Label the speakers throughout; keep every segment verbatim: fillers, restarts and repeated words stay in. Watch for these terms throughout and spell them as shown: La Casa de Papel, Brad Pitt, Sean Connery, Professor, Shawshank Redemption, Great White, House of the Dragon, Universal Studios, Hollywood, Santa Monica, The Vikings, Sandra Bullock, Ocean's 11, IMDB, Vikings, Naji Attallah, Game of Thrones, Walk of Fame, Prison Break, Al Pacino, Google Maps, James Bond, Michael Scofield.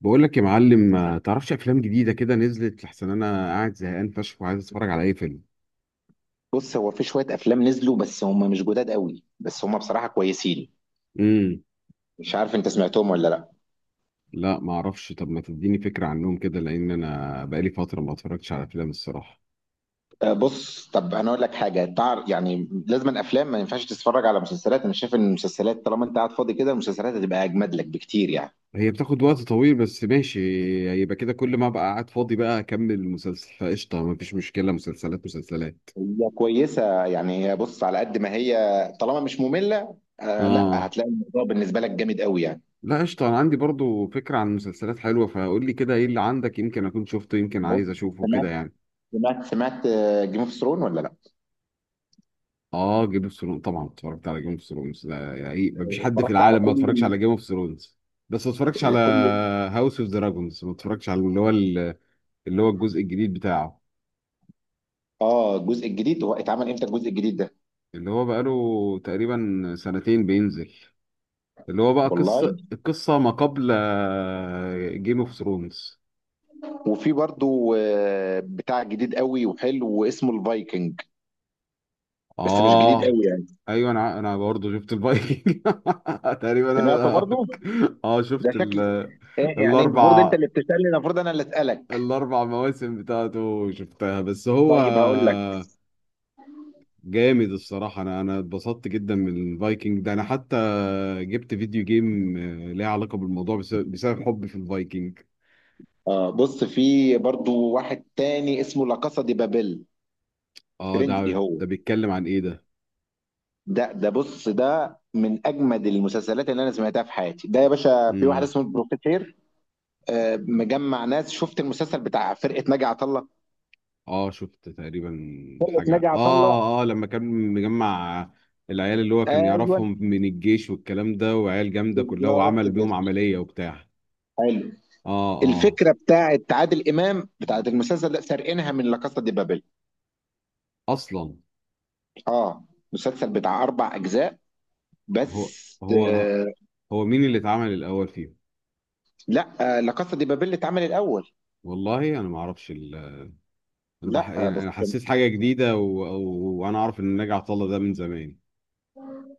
Speaker 1: بقول لك يا معلم، ما تعرفش افلام جديده كده نزلت؟ لحسن انا قاعد زهقان فشخ وعايز اتفرج على اي فيلم.
Speaker 2: بص هو في شوية أفلام نزلوا، بس هم مش جداد قوي، بس هم بصراحة كويسين.
Speaker 1: امم.
Speaker 2: مش عارف أنت سمعتهم ولا لأ.
Speaker 1: لا، ما اعرفش. طب ما تديني فكره عنهم كده، لان انا بقالي فتره ما اتفرجتش على افلام الصراحه.
Speaker 2: أه، بص. طب أنا أقول لك حاجة. تعر يعني لازم الأفلام ما ينفعش، تتفرج على مسلسلات. أنا شايف إن المسلسلات طالما أنت قاعد فاضي كده، المسلسلات هتبقى أجمد لك بكتير يعني.
Speaker 1: هي بتاخد وقت طويل بس ماشي. يبقى كده كل ما ابقى قاعد فاضي بقى اكمل المسلسل فقشطه، ما فيش مشكله. مسلسلات مسلسلات.
Speaker 2: هي كويسة يعني، هي بص على قد ما هي طالما مش مملة. آه لا،
Speaker 1: اه.
Speaker 2: هتلاقي الموضوع بالنسبة لك جامد قوي يعني.
Speaker 1: لا قشطه، انا عندي برضو فكره عن مسلسلات حلوه، فقول لي كده ايه اللي عندك، يمكن اكون شفته، يمكن
Speaker 2: بص،
Speaker 1: عايز اشوفه
Speaker 2: سمعت
Speaker 1: كده يعني.
Speaker 2: سمعت سمعت جيم اوف ثرون ولا لا؟
Speaker 1: اه، جيم اوف ثرونز طبعا اتفرجت على جيم اوف ثرونز ده، يعني ما فيش حد في
Speaker 2: اتفرجت على
Speaker 1: العالم ما اتفرجش
Speaker 2: كل
Speaker 1: على جيم اوف ثرونز. بس ما اتفرجش على
Speaker 2: كل
Speaker 1: هاوس اوف دراجونز، ما اتفرجش على اللي هو اللي هو الجزء الجديد بتاعه.
Speaker 2: اه، الجزء الجديد، هو اتعمل امتى الجزء الجديد ده؟
Speaker 1: اللي هو بقاله تقريبا سنتين بينزل. اللي هو بقى
Speaker 2: والله.
Speaker 1: قصة القصة ما قبل جيم اوف ثرونز.
Speaker 2: وفي برضو آه، بتاع جديد قوي وحلو اسمه الفايكنج، بس مش جديد
Speaker 1: اه.
Speaker 2: قوي يعني.
Speaker 1: ايوه، انا انا برضه شفت الفايكنج تقريبا
Speaker 2: سمعته
Speaker 1: انا.
Speaker 2: برضو.
Speaker 1: اه
Speaker 2: ده
Speaker 1: شفت
Speaker 2: شكل،
Speaker 1: ال-
Speaker 2: إيه يعني؟ المفروض انت
Speaker 1: الاربع
Speaker 2: اللي بتسألني، المفروض انا اللي اسألك.
Speaker 1: الاربع مواسم بتاعته شفتها، بس هو
Speaker 2: طيب هقول لك.
Speaker 1: جامد الصراحه. انا انا اتبسطت جدا من الفايكنج ده. انا حتى جبت فيديو جيم، آه، ليه علاقه بالموضوع بسبب, بسبب حبي في الفايكنج.
Speaker 2: اه، بص، في برضو واحد تاني اسمه لا كاسا دي بابيل،
Speaker 1: اه،
Speaker 2: فرنسي
Speaker 1: ده
Speaker 2: هو.
Speaker 1: ده بيتكلم عن ايه ده؟
Speaker 2: ده ده بص، ده من اجمد المسلسلات اللي انا سمعتها في حياتي. ده يا باشا في واحد
Speaker 1: امم.
Speaker 2: اسمه البروفيسير، آه، مجمع ناس. شفت المسلسل بتاع فرقة ناجي عطا الله؟
Speaker 1: اه شفت تقريبا.
Speaker 2: فرقة ناجي
Speaker 1: حاجه،
Speaker 2: عطا الله.
Speaker 1: اه اه لما كان مجمع العيال اللي هو كان
Speaker 2: ايوه
Speaker 1: يعرفهم من الجيش والكلام ده، وعيال جامده كلها
Speaker 2: بالظبط
Speaker 1: وعمل
Speaker 2: كده،
Speaker 1: بيهم عمليه وبتاع.
Speaker 2: حلو.
Speaker 1: اه. اه
Speaker 2: الفكره بتاعت عادل امام بتاعت المسلسل ده سارقينها من لا كاسا دي بابل.
Speaker 1: اصلا.
Speaker 2: اه، مسلسل بتاع اربع اجزاء،
Speaker 1: هو
Speaker 2: بس
Speaker 1: هو
Speaker 2: آه
Speaker 1: هو مين اللي اتعمل الاول فيهم؟
Speaker 2: لا آه لا كاسا دي بابل اتعمل الاول.
Speaker 1: والله انا ما اعرفش ال... انا بح...
Speaker 2: لا آه
Speaker 1: يعني
Speaker 2: بس
Speaker 1: انا حسيت حاجه جديده، و... و... وانا اعرف ان ناجي عطا الله ده من زمان.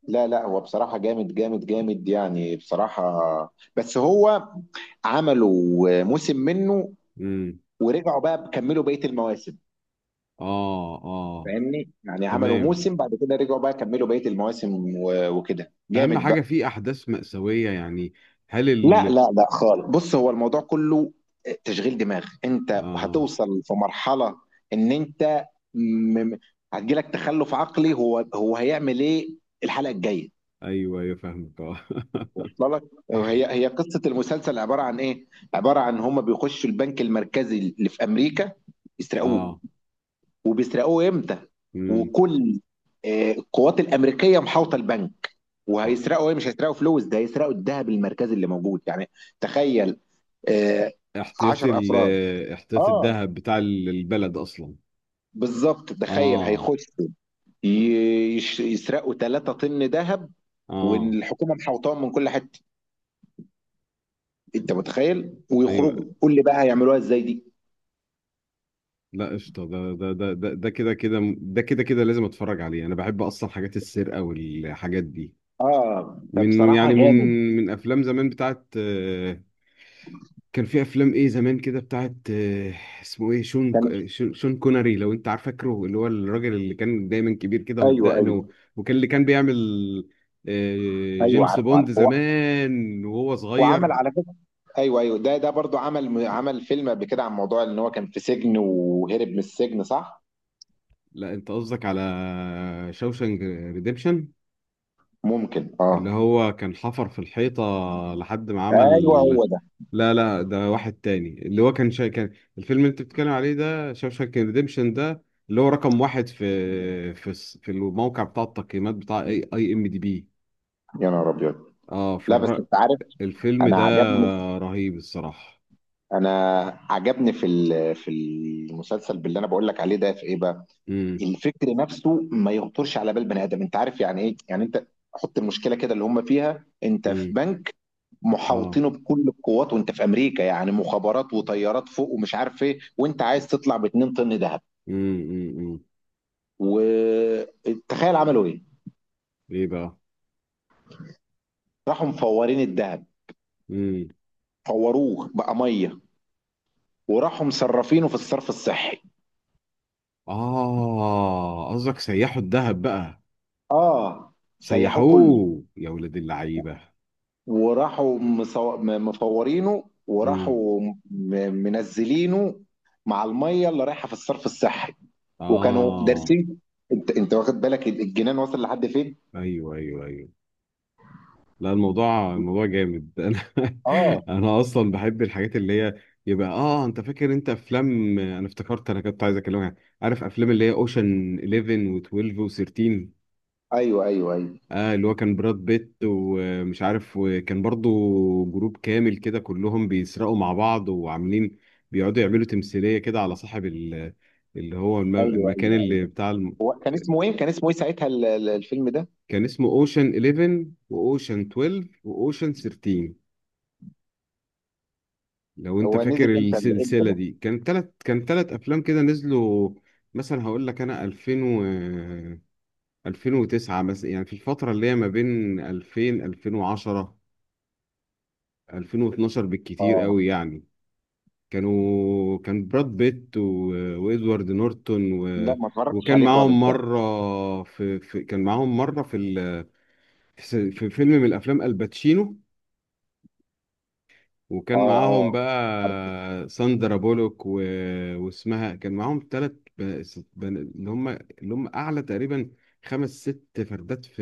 Speaker 2: لا لا هو بصراحه جامد جامد جامد يعني بصراحه. بس هو عملوا موسم منه،
Speaker 1: امم.
Speaker 2: ورجعوا بقى كملوا بقيه المواسم.
Speaker 1: اه. اه.
Speaker 2: فاهمني يعني؟ عملوا
Speaker 1: تمام.
Speaker 2: موسم، بعد كده رجعوا بقى كملوا بقيه المواسم و- وكده
Speaker 1: اهم
Speaker 2: جامد
Speaker 1: حاجه
Speaker 2: بقى.
Speaker 1: في احداث مأساويه يعني. هل
Speaker 2: لا
Speaker 1: ال
Speaker 2: لا لا خالص. بص، هو الموضوع كله تشغيل دماغ. انت
Speaker 1: اه،
Speaker 2: هتوصل في مرحلة ان انت م... م- هتجيلك تخلف عقلي، هو هو هيعمل ايه الحلقة الجاية؟
Speaker 1: ايوه ايوه فاهمك، اه.
Speaker 2: وصل لك؟ هي هي قصة المسلسل عبارة عن ايه؟ عبارة عن هما بيخشوا البنك المركزي اللي في امريكا يسرقوه.
Speaker 1: اه.
Speaker 2: وبيسرقوه امتى؟
Speaker 1: امم.
Speaker 2: وكل آه، القوات الامريكيه محاوطه البنك.
Speaker 1: آه.
Speaker 2: وهيسرقوا ايه؟ مش هيسرقوا فلوس، ده هيسرقوا الذهب المركزي اللي موجود يعني. تخيل، آه،
Speaker 1: احتياطي
Speaker 2: عشرة
Speaker 1: ال...
Speaker 2: افراد.
Speaker 1: احتياطي
Speaker 2: اه
Speaker 1: الذهب بتاع ال- البلد اصلا.
Speaker 2: بالظبط. تخيل
Speaker 1: اه.
Speaker 2: هيخشوا ي- يش- يسرقوا ثلاثة طن ذهب
Speaker 1: اه.
Speaker 2: والحكومه محوطاهم من كل حته. انت متخيل؟
Speaker 1: ايوه.
Speaker 2: ويخرجوا، قول لي بقى هيعملوها ازاي دي.
Speaker 1: لا قشطة، ده ده ده ده ده كده كده ده كده كده لازم اتفرج عليه. انا بحب اصلا حاجات السرقة والحاجات دي.
Speaker 2: اه،
Speaker 1: من
Speaker 2: فبصراحه
Speaker 1: يعني من
Speaker 2: جامد.
Speaker 1: من افلام زمان بتاعت، آه، كان في افلام ايه زمان كده بتاعت، آه، اسمه ايه؟ شون
Speaker 2: كان
Speaker 1: ك- شون شون كوناري، لو انت عارف، فاكره اللي هو الراجل اللي كان دايما كبير كده
Speaker 2: ايوه
Speaker 1: وبدقنه
Speaker 2: ايوه
Speaker 1: و- وكان اللي كان بيعمل آه،
Speaker 2: ايوه،
Speaker 1: جيمس
Speaker 2: عارف
Speaker 1: بوند
Speaker 2: عارف. هو
Speaker 1: زمان وهو
Speaker 2: وعمل
Speaker 1: صغير.
Speaker 2: على فكره، ايوه ايوه، ده ده برضو عمل عمل فيلم قبل كده عن موضوع ان هو كان في سجن وهرب من السجن، صح؟
Speaker 1: لا، انت قصدك على شوشانك ريديمشن
Speaker 2: ممكن
Speaker 1: اللي
Speaker 2: اه.
Speaker 1: هو كان حفر في الحيطة لحد ما
Speaker 2: ايوه
Speaker 1: عمل.
Speaker 2: هو ده.
Speaker 1: لا لا، ده واحد تاني. اللي هو كان شا... كان الفيلم اللي انت بتتكلم عليه ده شاوشانك ريديمشن ده، اللي هو رقم واحد في في الس- في الموقع بتاع التقييمات بتاع اي اي ام دي بي.
Speaker 2: يا نهار ابيض.
Speaker 1: اه،
Speaker 2: لا بس
Speaker 1: فالر...
Speaker 2: انت عارف،
Speaker 1: الفيلم
Speaker 2: انا
Speaker 1: ده
Speaker 2: عجبني.
Speaker 1: رهيب الصراحة.
Speaker 2: انا عجبني في ال- في المسلسل باللي انا بقول لك عليه ده، في ايه بقى؟
Speaker 1: امم.
Speaker 2: الفكر نفسه ما يخطرش على بال بني ادم. انت عارف يعني ايه؟ يعني انت حط المشكله كده اللي هم فيها. انت في
Speaker 1: امم.
Speaker 2: بنك
Speaker 1: اه.
Speaker 2: محاوطينه بكل القوات، وانت في امريكا يعني، مخابرات وطيارات فوق ومش عارف ايه، وانت عايز تطلع ب اتنين طن ذهب.
Speaker 1: امم. امم. أمم.
Speaker 2: وتخيل عملوا ايه.
Speaker 1: ايه بقى؟
Speaker 2: راحوا مفورين الذهب،
Speaker 1: امم.
Speaker 2: فوروه بقى ميه، وراحوا مصرفينه في الصرف الصحي.
Speaker 1: اه قصدك سيحوا الذهب بقى.
Speaker 2: اه، سيحوه كله.
Speaker 1: سيحوه يا ولاد اللعيبة.
Speaker 2: وراحوا مصو- م- مفورينه،
Speaker 1: امم.
Speaker 2: وراحوا م- منزلينه مع الميه اللي رايحه في الصرف الصحي. وكانوا
Speaker 1: اه.
Speaker 2: دارسين. انت انت واخد بالك الجنان وصل لحد فين؟
Speaker 1: ايوه ايوه ايوه. لا، الموضوع الموضوع جامد انا
Speaker 2: اه
Speaker 1: انا اصلا بحب الحاجات اللي هي. يبقى اه انت فاكر انت افلام؟ انا افتكرت انا كنت عايز اكلمك. عارف افلام اللي هي اوشن إليفن و12 و13؟
Speaker 2: ايوه ايوه ايوه.
Speaker 1: اه اللي هو كان براد بيت ومش عارف، وكان برضو جروب كامل كده كلهم بيسرقوا مع بعض وعاملين بيقعدوا يعملوا تمثيلية كده على صاحب ال- اللي هو الم-
Speaker 2: ايوه
Speaker 1: المكان
Speaker 2: ايوه،
Speaker 1: اللي بتاع الم...
Speaker 2: هو كان اسمه ايه؟ كان اسمه ايه ساعتها ال- ال- الفيلم ده؟
Speaker 1: كان اسمه اوشن حداشر واوشن اتناشر واوشن تلتاشر، لو انت
Speaker 2: هو
Speaker 1: فاكر
Speaker 2: نزل امتى ال- امتى
Speaker 1: السلسله
Speaker 2: ده؟
Speaker 1: دي. كان تلت كان تلت افلام كده نزلوا. مثلا هقول لك انا ألفين و ألفين وتسعة مثلا، يعني في الفتره اللي هي ما بين ألفين وشوية، ألفين وعشرة، ألفين واثني عشر بالكتير
Speaker 2: اه
Speaker 1: قوي يعني. كانوا، كان براد بيت و... وادوارد نورتون، و...
Speaker 2: لا، ما اتفرجتش
Speaker 1: وكان
Speaker 2: عليه خالص
Speaker 1: معاهم
Speaker 2: ده.
Speaker 1: مره في... في كان معاهم مره في ال... في في فيلم من الافلام الباتشينو،
Speaker 2: اه
Speaker 1: وكان معاهم
Speaker 2: اه، عارف.
Speaker 1: بقى ساندرا بولوك، و... واسمها كان معاهم ثلاث بن... ست- بن... اللي هم اللي هم اعلى تقريبا خمس ست فردات في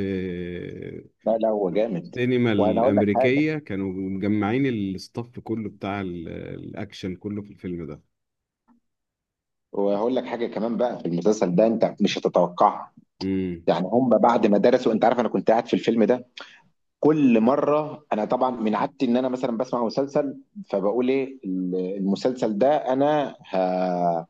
Speaker 2: لا لا، هو جامد.
Speaker 1: السينما
Speaker 2: وانا اقول لك حاجه،
Speaker 1: الامريكيه. كانوا مجمعين الاستاف كله بتاع ال... الاكشن كله في الفيلم ده.
Speaker 2: وهقول لك حاجه كمان بقى. في المسلسل ده انت مش هتتوقعها،
Speaker 1: امم.
Speaker 2: يعني هم بعد ما درسوا. انت عارف، انا كنت قاعد في الفيلم ده كل مره. انا طبعا من عادتي ان انا مثلا بسمع مسلسل، فبقول ايه المسلسل ده؟ انا ه...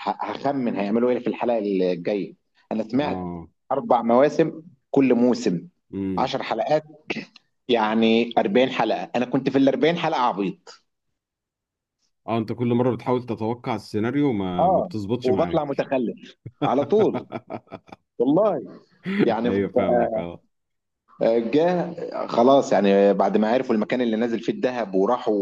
Speaker 2: ه- هخمن هيعملوا ايه في الحلقه الجايه. انا سمعت
Speaker 1: اه.
Speaker 2: اربع مواسم، كل موسم
Speaker 1: امم.
Speaker 2: عشر حلقات، يعني اربعين حلقه. انا كنت في ال اربعين حلقه عبيط
Speaker 1: اه، انت كل مره بتحاول تتوقع السيناريو، ما ما
Speaker 2: اه،
Speaker 1: بتظبطش
Speaker 2: وبطلع
Speaker 1: معاك.
Speaker 2: متخلف على طول والله يعني.
Speaker 1: ايوه فاهمك اه.
Speaker 2: جه خلاص يعني، بعد ما عرفوا المكان اللي نازل فيه الذهب، وراحوا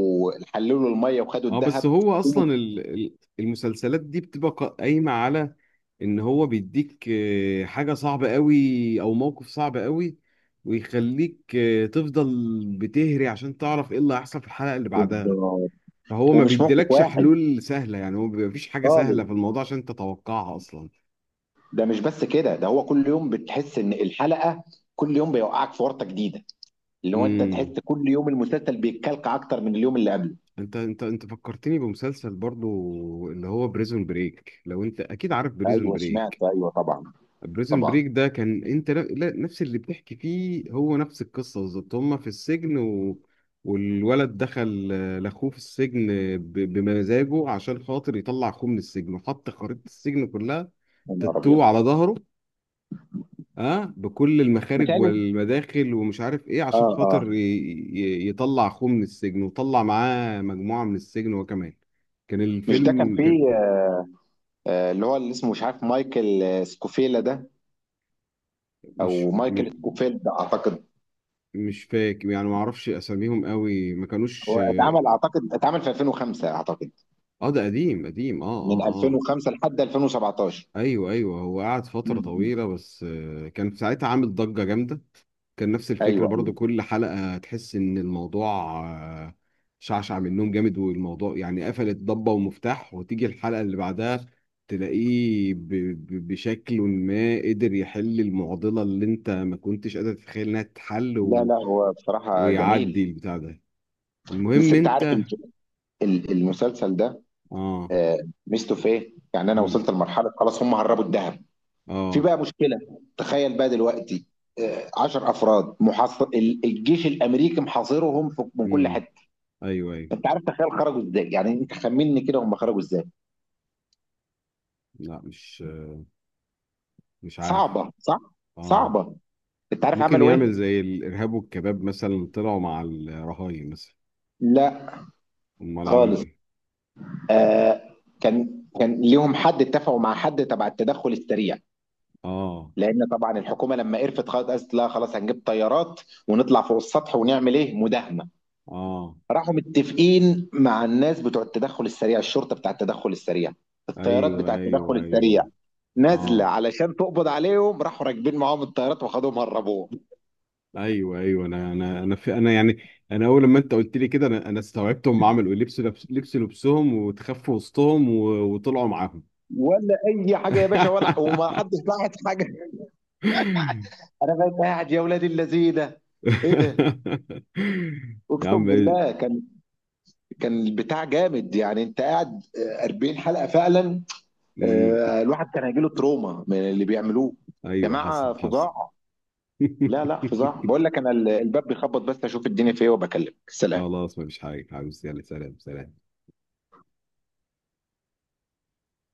Speaker 2: حللوا الميه وخدوا
Speaker 1: اه، بس
Speaker 2: الذهب.
Speaker 1: هو اصلا ال- ال- المسلسلات دي بتبقى قا- قايمه على ان هو بيديك آه، حاجه صعبه قوي او موقف صعب قوي، ويخليك آه، تفضل بتهري عشان تعرف ايه اللي هيحصل في الحلقه اللي بعدها.
Speaker 2: بالظبط.
Speaker 1: فهو ما
Speaker 2: ومش موقف
Speaker 1: بيديلكش
Speaker 2: واحد
Speaker 1: حلول سهله يعني، هو بيبقى مفيش حاجه
Speaker 2: خالص،
Speaker 1: سهله في الموضوع عشان تتوقعها اصلا.
Speaker 2: ده مش بس كده، ده هو كل يوم بتحس ان الحلقه، كل يوم بيوقعك في ورطه جديده. اللي هو انت
Speaker 1: امم.
Speaker 2: تحس كل يوم المسلسل بيتكلك اكتر من اليوم اللي قبله.
Speaker 1: انت انت انت فكرتني بمسلسل برضو، اللي هو بريزون بريك، لو انت اكيد عارف بريزون
Speaker 2: ايوه سمعت
Speaker 1: بريك.
Speaker 2: ايوه طبعا
Speaker 1: بريزن بريك
Speaker 2: طبعا.
Speaker 1: ده كان انت، لا- لا- نفس اللي بتحكي فيه، هو نفس القصه بالظبط. هما في السجن، و... والولد دخل، آه، لاخوه في السجن ب... بمزاجه عشان خاطر يطلع اخوه من السجن، وحط خريطه السجن كلها
Speaker 2: يا نهار
Speaker 1: تاتو
Speaker 2: ابيض.
Speaker 1: على ظهره، اه بكل المخارج
Speaker 2: متهيألي
Speaker 1: والمداخل ومش عارف ايه، عشان
Speaker 2: اه اه،
Speaker 1: خاطر ي... ي... يطلع اخوه من السجن، وطلع معاه مجموعه من السجن هو كمان. كان
Speaker 2: مش ده كان
Speaker 1: الفيلم كان،
Speaker 2: فيه آه، اللي هو اللي اسمه، مش عارف، مايكل، آه، سكوفيلا ده، او
Speaker 1: مش م-
Speaker 2: مايكل سكوفيلد اعتقد.
Speaker 1: مش فاكر يعني، ما اعرفش اساميهم قوي ما كانوش.
Speaker 2: هو اتعمل، اعتقد اتعمل في الفين وخمسة اعتقد،
Speaker 1: اه ده قديم قديم. اه. اه.
Speaker 2: من
Speaker 1: اه.
Speaker 2: الفين وخمسة لحد الفين وسبعتاشر.
Speaker 1: ايوه ايوه، هو قعد فترة
Speaker 2: امم
Speaker 1: طويلة، بس آه، كان في ساعتها عامل ضجة جامدة. كان نفس الفكرة
Speaker 2: ايوه
Speaker 1: برضو،
Speaker 2: ايوه.
Speaker 1: كل حلقة تحس ان الموضوع، آه، شعشع منهم جامد، والموضوع يعني قفلت ضبة ومفتاح، وتيجي الحلقة اللي بعدها تلاقيه ب- ب- بشكل ما قدر يحل المعضلة اللي انت ما كنتش قادر تتخيل انها تتحل،
Speaker 2: لا
Speaker 1: و...
Speaker 2: لا، هو بصراحه جميل.
Speaker 1: ويعدي البتاع ده.
Speaker 2: بس
Speaker 1: المهم
Speaker 2: انت
Speaker 1: انت.
Speaker 2: عارف ال- ال- المسلسل ده،
Speaker 1: اه.
Speaker 2: آه، ميزته في ايه؟ يعني انا
Speaker 1: مم.
Speaker 2: وصلت لمرحله خلاص هم هربوا الذهب. في
Speaker 1: اه.
Speaker 2: بقى مشكله، تخيل بقى دلوقتي عشرة افراد محاصر ال- الجيش الامريكي محاصرهم في- من كل
Speaker 1: مم.
Speaker 2: حته.
Speaker 1: ايوه ايوه.
Speaker 2: انت عارف تخيل خرجوا ازاي؟ يعني انت خمني كده، هم خرجوا ازاي؟
Speaker 1: لا مش مش عارف.
Speaker 2: صعبه صح؟
Speaker 1: اه
Speaker 2: صعبه. انت عارف
Speaker 1: ممكن
Speaker 2: عملوا
Speaker 1: يعمل
Speaker 2: ايه؟
Speaker 1: زي الارهاب والكباب مثلا، طلعوا مع الرهاين مثلا.
Speaker 2: لا
Speaker 1: امال عملوا
Speaker 2: خالص.
Speaker 1: ايه؟
Speaker 2: آه، كان كان ليهم حد، اتفقوا مع حد تبع التدخل السريع.
Speaker 1: اه.
Speaker 2: لان طبعا الحكومه لما قرفت خلاص قالت لا خلاص، هنجيب طيارات ونطلع فوق السطح ونعمل ايه، مداهمه.
Speaker 1: اه.
Speaker 2: راحوا متفقين مع الناس بتوع التدخل السريع، الشرطه بتاع التدخل السريع، الطيارات
Speaker 1: ايوه
Speaker 2: بتاع التدخل
Speaker 1: ايوه
Speaker 2: السريع
Speaker 1: ايوه.
Speaker 2: نازله
Speaker 1: اه،
Speaker 2: علشان تقبض عليهم. راحوا راكبين معاهم الطيارات وخدوهم هربوهم.
Speaker 1: ايوه ايوه، انا انا انا في انا يعني. انا اول لما انت قلت لي كده انا انا استوعبت هم عملوا ايه، لبسوا لبس لبسوا لبسهم وتخفوا وسطهم، و- وطلعوا معاهم.
Speaker 2: ولا اي حاجه يا باشا، ولا وما حدش لاحظ حاجه. انا بقيت قاعد يا ولاد اللذيذه ايه ده!
Speaker 1: يا
Speaker 2: اقسم
Speaker 1: عم إيه؟
Speaker 2: بالله كان، كان البتاع جامد يعني. انت قاعد آه، اربعين حلقه فعلا،
Speaker 1: مم.
Speaker 2: آه، الواحد كان هيجيله تروما من اللي بيعملوه.
Speaker 1: ايوه حصل
Speaker 2: جماعه
Speaker 1: حصل.
Speaker 2: فظاع. لا لا فظاع، بقول لك انا. ال- الباب بيخبط، بس اشوف الدنيا فيه وبكلمك. سلام.
Speaker 1: خلاص، مفيش حاجة حبيبي يعني، سلام سلام.